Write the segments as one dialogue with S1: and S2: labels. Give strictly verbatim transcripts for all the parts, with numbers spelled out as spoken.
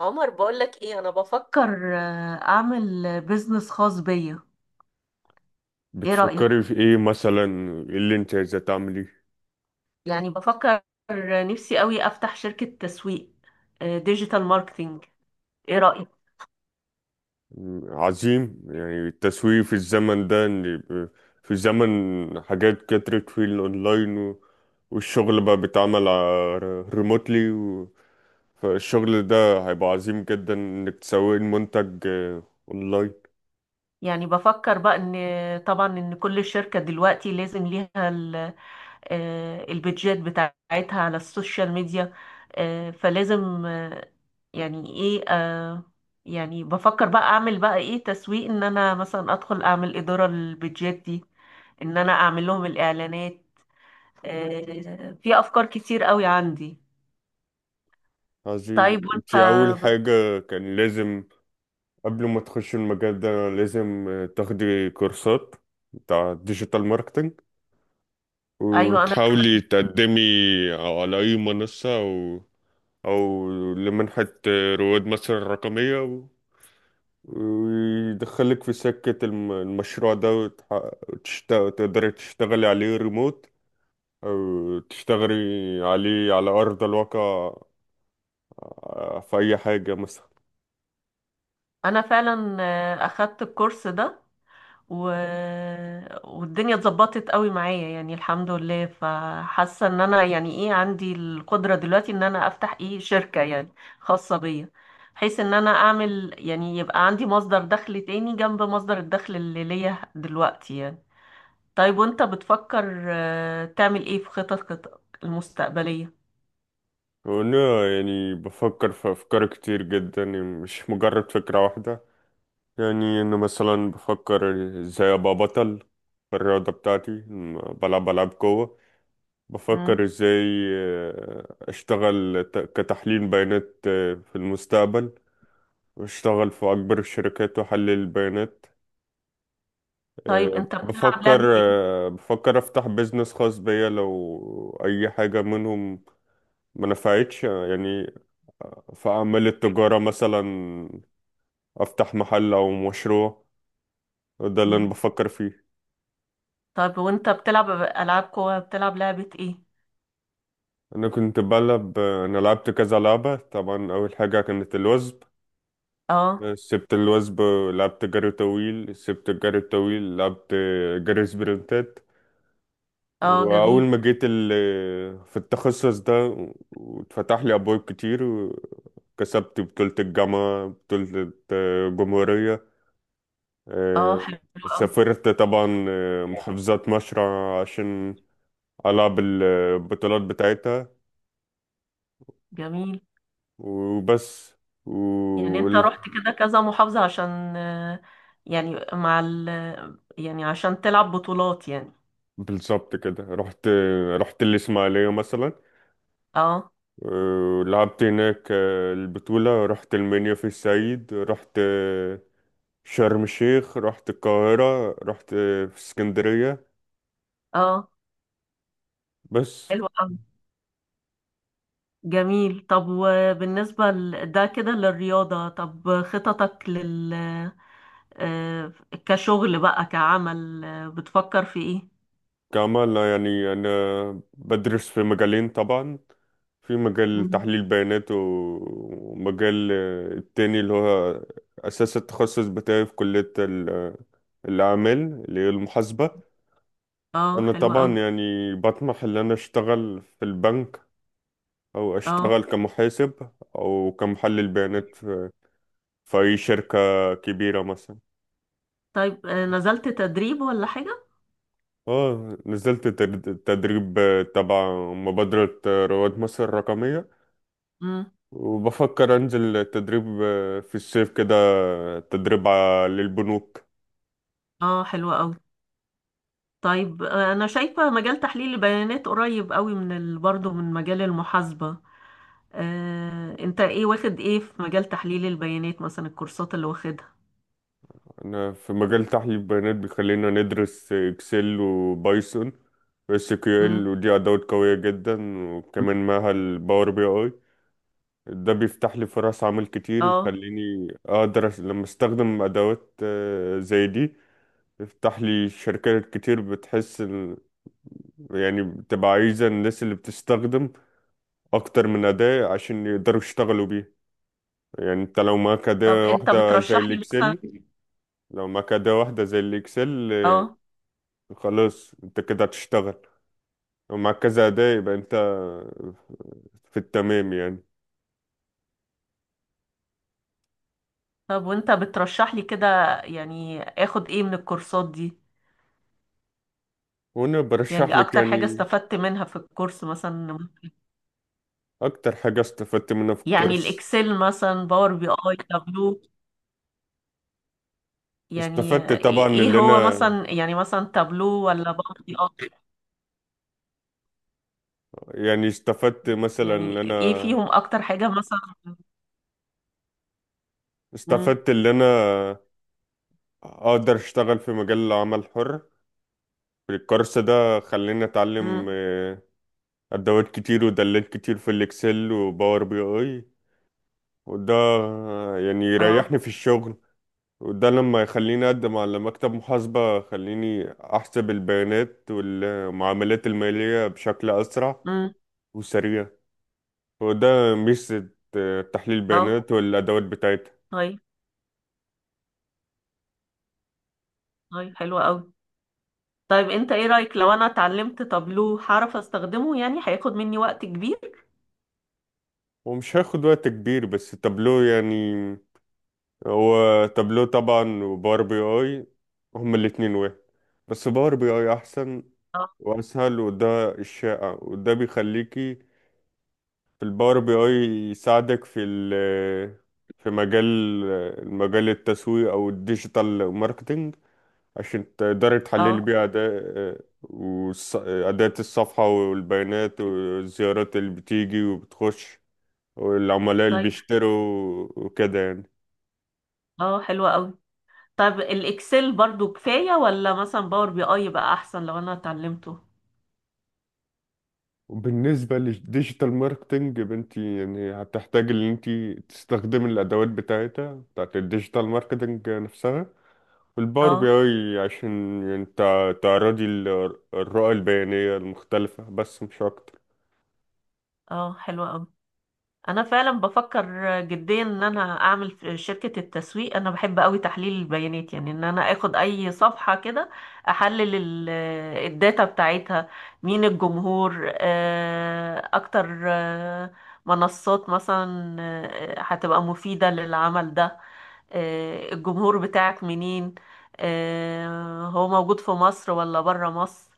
S1: عمر بقولك ايه؟ انا بفكر آه، اعمل بيزنس خاص بيا. ايه رأيك؟
S2: بتفكري في ايه مثلا؟ ايه اللي انت عايزة تعملي؟
S1: يعني بفكر آه، نفسي قوي افتح شركة تسويق ديجيتال ماركتينج. ايه رأيك؟
S2: مم، عظيم. يعني التسويق في الزمن ده ان يبقى في زمن، حاجات كترت في الاونلاين و- والشغل بقى بيتعمل ريموتلي. فالشغل ده هيبقى عظيم جدا انك تسوقي المنتج آه، اونلاين.
S1: يعني بفكر بقى ان طبعا ان كل شركة دلوقتي لازم ليها ال- آه، البيدجات بتاعتها على السوشيال ميديا. آه، فلازم، آه، يعني ايه، آه، يعني بفكر بقى اعمل بقى ايه تسويق، ان انا مثلا ادخل اعمل ادارة للبيدجات دي، ان انا اعمل لهم الاعلانات. آه، في افكار كتير قوي عندي. طيب
S2: عظيم.
S1: وانت
S2: انت اول
S1: بت-
S2: حاجة كان لازم، قبل ما تخش المجال ده، لازم آه، تاخدي كورسات بتاع ديجيتال ماركتنج،
S1: ايوه انا،
S2: وتحاولي تقدمي على أي منصة، أو أو لمنحة رواد مصر الرقمية، و- ويدخلك في سكة الم- المشروع ده، وتح- وتشت- وتقدري تشتغلي عليه ريموت، أو تشتغلي عليه على أرض الواقع، آه، في أي حاجة مثلا.
S1: انا فعلا آه، اخدت الكورس ده و... والدنيا اتظبطت قوي معايا يعني الحمد لله، فحاسه ان انا يعني ايه عندي القدره دلوقتي ان انا افتح ايه شركه يعني خاصه بيا، بحيث ان انا اعمل يعني يبقى عندي مصدر دخل تاني جنب مصدر الدخل اللي ليا دلوقتي يعني. طيب وانت بتفكر آه، تعمل ايه في خططك المستقبلية؟
S2: وأنا يعني بفكر في أفكار كتير جدا، يعني مش مجرد فكرة واحدة. يعني انه مثلا بفكر ازاي ابقى بطل في الرياضة بتاعتي، م- بلعب العاب قوة.
S1: مم.
S2: بفكر ازاي آه، اشتغل ت- كتحليل بيانات آه، في المستقبل، واشتغل في اكبر الشركات واحلل البيانات.
S1: طيب
S2: آه،
S1: انت بتلعب
S2: بفكر
S1: لعبة ايه؟
S2: آه، بفكر افتح بيزنس خاص بيا لو اي حاجة منهم ما نفعتش، آه، يعني في اعمال التجارة، مثلا افتح محل او مشروع، وده اللي انا
S1: مم.
S2: بفكر فيه.
S1: طيب وانت بتلعب العاب قوى، بتلعب لعبة ايه؟
S2: انا كنت بلعب انا لعبت كذا لعبة. طبعا اول حاجة كانت الوزب،
S1: اه.
S2: سبت الوزب، لعبت جري طويل، سبت الجري الطويل، لعبت جري سبرنتات.
S1: اه
S2: واول
S1: جميل.
S2: ما جيت ال... في التخصص ده، واتفتح لي ابواب كتير، وكسبت بطولة الجامعة، بطولة الجمهورية.
S1: اه
S2: آه،
S1: حلو. اه
S2: سافرت طبعا آه، محافظات مشرع عشان ألعب البطولات بتاعتها،
S1: جميل.
S2: وبس.
S1: يعني انت رحت كده كذا محافظة عشان، آه، يعني مع ال، يعني عشان تلعب بطولات يعني.
S2: بالظبط كده. رحت رحت الإسماعيلية مثلا.
S1: اه.
S2: آه، لعبت هناك آه، البطولة. رحت المنيا في الصعيد. رحت آه، شرم الشيخ، رحت القاهرة، رحت آه، في اسكندرية،
S1: اه
S2: بس.
S1: حلو قوي. جميل. طب وبالنسبة ل- ده كده للرياضة، طب خططك لل، آه، كشغل بقى كعمل، آه، بتفكر في ايه؟
S2: كمان يعني أنا بدرس في مجالين طبعا: في مجال
S1: مم.
S2: تحليل بيانات، و- ومجال آه، التاني اللي هو أساس التخصص بتاعي في كلية ال- آه، الأعمال، اللي هي المحاسبة.
S1: اه
S2: أنا
S1: حلو قوي.
S2: طبعا يعني بطمح إن أنا أشتغل في البنك، أو
S1: اه
S2: أشتغل كمحاسب، أو كمحلل بيانات في, في أي شركة كبيرة مثلا.
S1: طيب، آه، نزلت تدريب ولا حاجة؟
S2: اه، نزلت تد- تدريب تبع مبادرة رواد مصر الرقمية،
S1: مم.
S2: وبفكر أنزل تدريب في الصيف كده، تدريب ع- للبنوك.
S1: اه حلو قوي. طيب آه، انا شايفة مجال تحليل البيانات قريب قوي من ال... برضه من مجال المحاسبة. آه، انت ايه واخد ايه في مجال تحليل البيانات، مثلا الكورسات اللي واخدها؟
S2: أنا في مجال تحليل البيانات بيخلينا ندرس إكسل وبايثون، اس كيو ال،
S1: مم.
S2: ودي ادوات قويه جدا. وكمان معاها الباور بي اي، ده بيفتح لي فرص عمل كتير،
S1: اه.
S2: يخليني اقدر أس- لما استخدم ادوات آه، زي دي، يفتح لي شركات كتير بتحس إن- يعني بتبقى عايزة الناس اللي بتستخدم اكتر من اداة عشان يقدروا يشتغلوا بيها. يعني انت لو معاك
S1: طب
S2: اداة
S1: انت
S2: واحدة زي
S1: بترشح لي مثلا؟
S2: الاكسل، لو معاك اداة واحدة زي الاكسل آه،
S1: اه.
S2: خلاص انت كده هتشتغل. لو معاك كذا اداة يبقى انت في التمام يعني.
S1: طب وانت بترشح لي كده يعني اخد ايه من الكورسات دي؟
S2: وانا برشح
S1: يعني
S2: لك
S1: اكتر حاجة
S2: يعني.
S1: استفدت منها في الكورس مثلا،
S2: أكتر حاجة استفدت منها في
S1: يعني
S2: الكورس،
S1: الاكسل مثلا، باور بي اي، تابلو، يعني
S2: استفدت طبعا
S1: ايه
S2: اللي
S1: هو
S2: أنا
S1: مثلا؟ يعني مثلا تابلو ولا باور بي اي؟
S2: يعني استفدت مثلا اللي
S1: يعني ايه
S2: أنا
S1: فيهم اكتر حاجة مثلا؟ امم.
S2: استفدت اللي أنا أقدر أشتغل في مجال العمل الحر. في الكورس ده خليني أتعلم
S1: امم.
S2: آه، أدوات كتير ودلات كتير في الإكسل وباور بي أي. وده آه، يعني
S1: اه.
S2: يريحني في الشغل. وده لما يخليني أقدم على مكتب محاسبة، خليني أحسب البيانات والمعاملات المالية بشكل أسرع
S1: امم.
S2: وسريع. وده ميزة آه، تحليل
S1: اه.
S2: البيانات والأدوات بتاعتها.
S1: طيب. طيب حلو قوي. طيب انت ايه رأيك لو انا اتعلمت تابلو، هعرف استخدمه يعني؟ هياخد مني وقت كبير؟
S2: ومش هياخد وقت كبير بس تابلو يعني. هو تابلو طبعا وباور بي اي هما الاتنين واحد، بس باور بي اي أحسن
S1: اه.
S2: وأسهل، وده الشائع، وده بيخليكي في الباور بي اي يساعدك في ال في مجال المجال التسويق أو الديجيتال ماركتينج، عشان تقدري تحللي
S1: اه
S2: بيه أداء وأداة الصفحة والبيانات والزيارات اللي بتيجي وبتخش، والعملاء اللي
S1: طيب.
S2: بيشتروا، وكده يعني.
S1: اه حلو قوي. طب الاكسل برضو كفاية ولا مثلا باور بي اي بقى احسن لو انا اتعلمته؟
S2: وبالنسبة للديجيتال ماركتنج يا بنتي، يعني هتحتاج إن أنت تستخدمي الأدوات بتاعتها بتاعت الديجيتال ماركتنج نفسها، والباور بي
S1: اه.
S2: أي، عشان يعني تع- تعرضي ال- الرؤى البيانية المختلفة، بس مش أكتر.
S1: اه حلوة قوي. انا فعلا بفكر جديا ان انا اعمل في شركة التسويق، انا بحب قوي تحليل البيانات يعني، ان انا اخد اي صفحة كده احلل ال- الداتا بتاعتها، مين الجمهور، آه، اكتر، آه، منصات مثلا آه، هتبقى مفيدة للعمل ده، آه، الجمهور بتاعك منين، آه، هو موجود في مصر ولا برا مصر،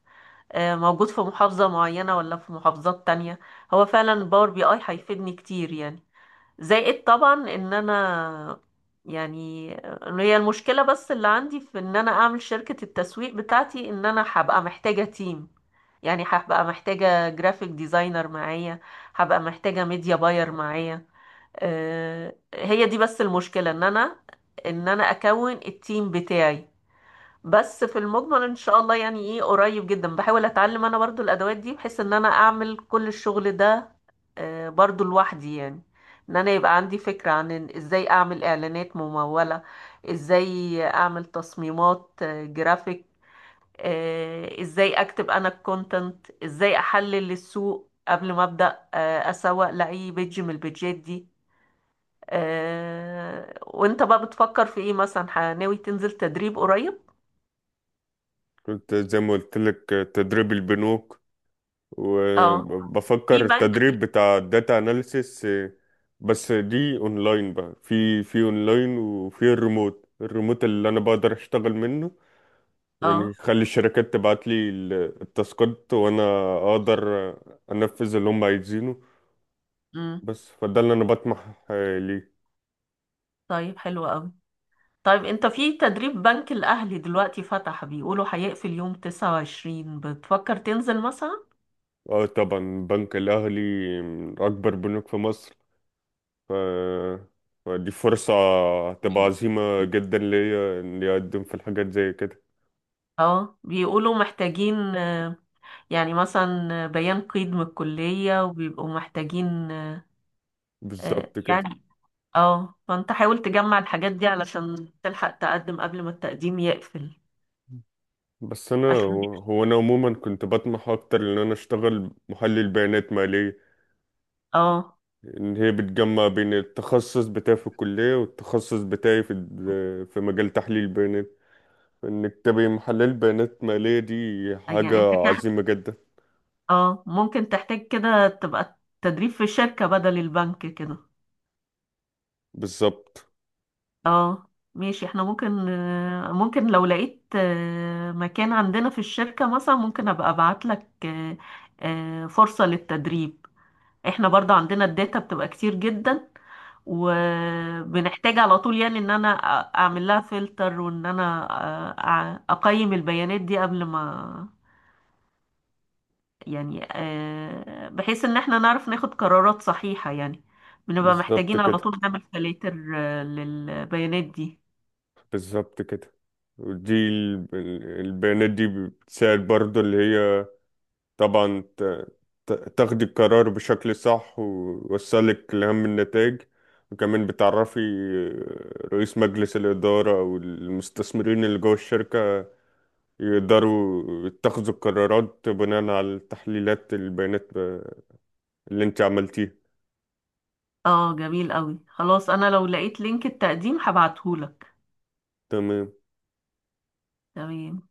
S1: آه، موجود في محافظة معينة ولا في محافظات تانية. هو فعلا الباور بي اي هيفيدني كتير يعني، زائد طبعا ان انا يعني، إن هي المشكلة بس اللي عندي في ان انا اعمل شركة التسويق بتاعتي، ان انا هبقى محتاجة تيم، يعني هبقى محتاجة جرافيك ديزاينر معايا، هبقى محتاجة ميديا باير معايا. آه، هي دي بس المشكلة، ان انا ان انا اكون التيم بتاعي. بس في المجمل ان شاء الله يعني ايه قريب جدا بحاول اتعلم انا برضو الادوات دي بحيث ان انا اعمل كل الشغل ده آه، برضو لوحدي يعني، ان انا يبقى عندي فكرة عن إن ازاي اعمل اعلانات ممولة، ازاي اعمل تصميمات آه، جرافيك، آه، ازاي اكتب انا الكونتنت، ازاي احلل السوق قبل ما ابدا آه، اسوق لاي بيج من البيجات دي. آه، وانت بقى بتفكر في ايه مثلا؟ ه- ناوي تنزل تدريب قريب؟
S2: كنت زي ما قلت لك، تدريب البنوك،
S1: اه. في
S2: وبفكر
S1: بنك.
S2: التدريب بتاع الداتا اناليسيس. بس دي اونلاين بقى، في في اونلاين، وفي الريموت الريموت اللي انا بقدر اشتغل منه، يعني
S1: اه.
S2: يخلي الشركات تبعت لي ال- التاسكات، وانا اقدر انفذ اللي هم عايزينه.
S1: امم.
S2: بس فده اللي انا بطمح آه، ليه.
S1: طيب حلو قوي. طيب انت في تدريب بنك الاهلي دلوقتي فتح، بيقولوا هيقفل يوم تسعة وعشرين، بتفكر تنزل مثلا؟
S2: اه طبعا، بنك الاهلي من اكبر بنوك في مصر. ف... فدي فرصة هتبقى عظيمة جدا ليا اني اقدم في الحاجات زي كده.
S1: اه. بيقولوا محتاجين آه، يعني مثلا آه، بيان قيد من الكلية، وبيبقوا محتاجين آه، آه،
S2: بالظبط كده.
S1: يعني. اه، فانت حاول تجمع الحاجات دي علشان تلحق تقدم قبل ما التقديم يقفل،
S2: بس انا
S1: عشان دي.
S2: هو انا عموما كنت بطمح اكتر ان انا اشتغل محلل بيانات مالية.
S1: اه.
S2: ان هي بتجمع بين التخصص بتاعي في الكلية، والتخصص بتاعي في ال- في مجال تحليل البيانات. انك تبقى محلل بيانات مالية، دي حاجة
S1: يعني انت كده،
S2: عظيمة جدا.
S1: اه، ممكن تحتاج كده تبقى تدريب في شركة بدل البنك كده.
S2: بالظبط.
S1: اه ماشي. احنا ممكن آه، ممكن لو لقيت آه، مكان عندنا في الشركة مثلا، ممكن ابقى ابعت لك آه، آه، فرصة للتدريب. احنا برضه عندنا الداتا بتبقى كتير جدا، وبنحتاج على طول يعني ان انا أ- اعمل لها فلتر، وان انا أ- أ- اقيم البيانات دي قبل ما يعني آه، بحيث ان احنا نعرف ناخد قرارات صحيحة يعني. بنبقى
S2: بالظبط
S1: محتاجين على
S2: كده.
S1: طول نعمل فلاتر آه، للبيانات دي.
S2: بالظبط كده. ودي ال- ال- البيانات دي بتساعد برضه اللي هي طبعا ت- ت- تاخدي القرار بشكل صح، ويوصلك لأهم النتائج. وكمان بتعرفي رئيس مجلس الإدارة أو المستثمرين اللي جوه الشركة، يقدروا يتخذوا القرارات بناء على تحليلات البيانات اللي انت عملتيها.
S1: اه جميل قوي. خلاص انا لو لقيت لينك التقديم هبعتهولك.
S2: تمام.
S1: تمام.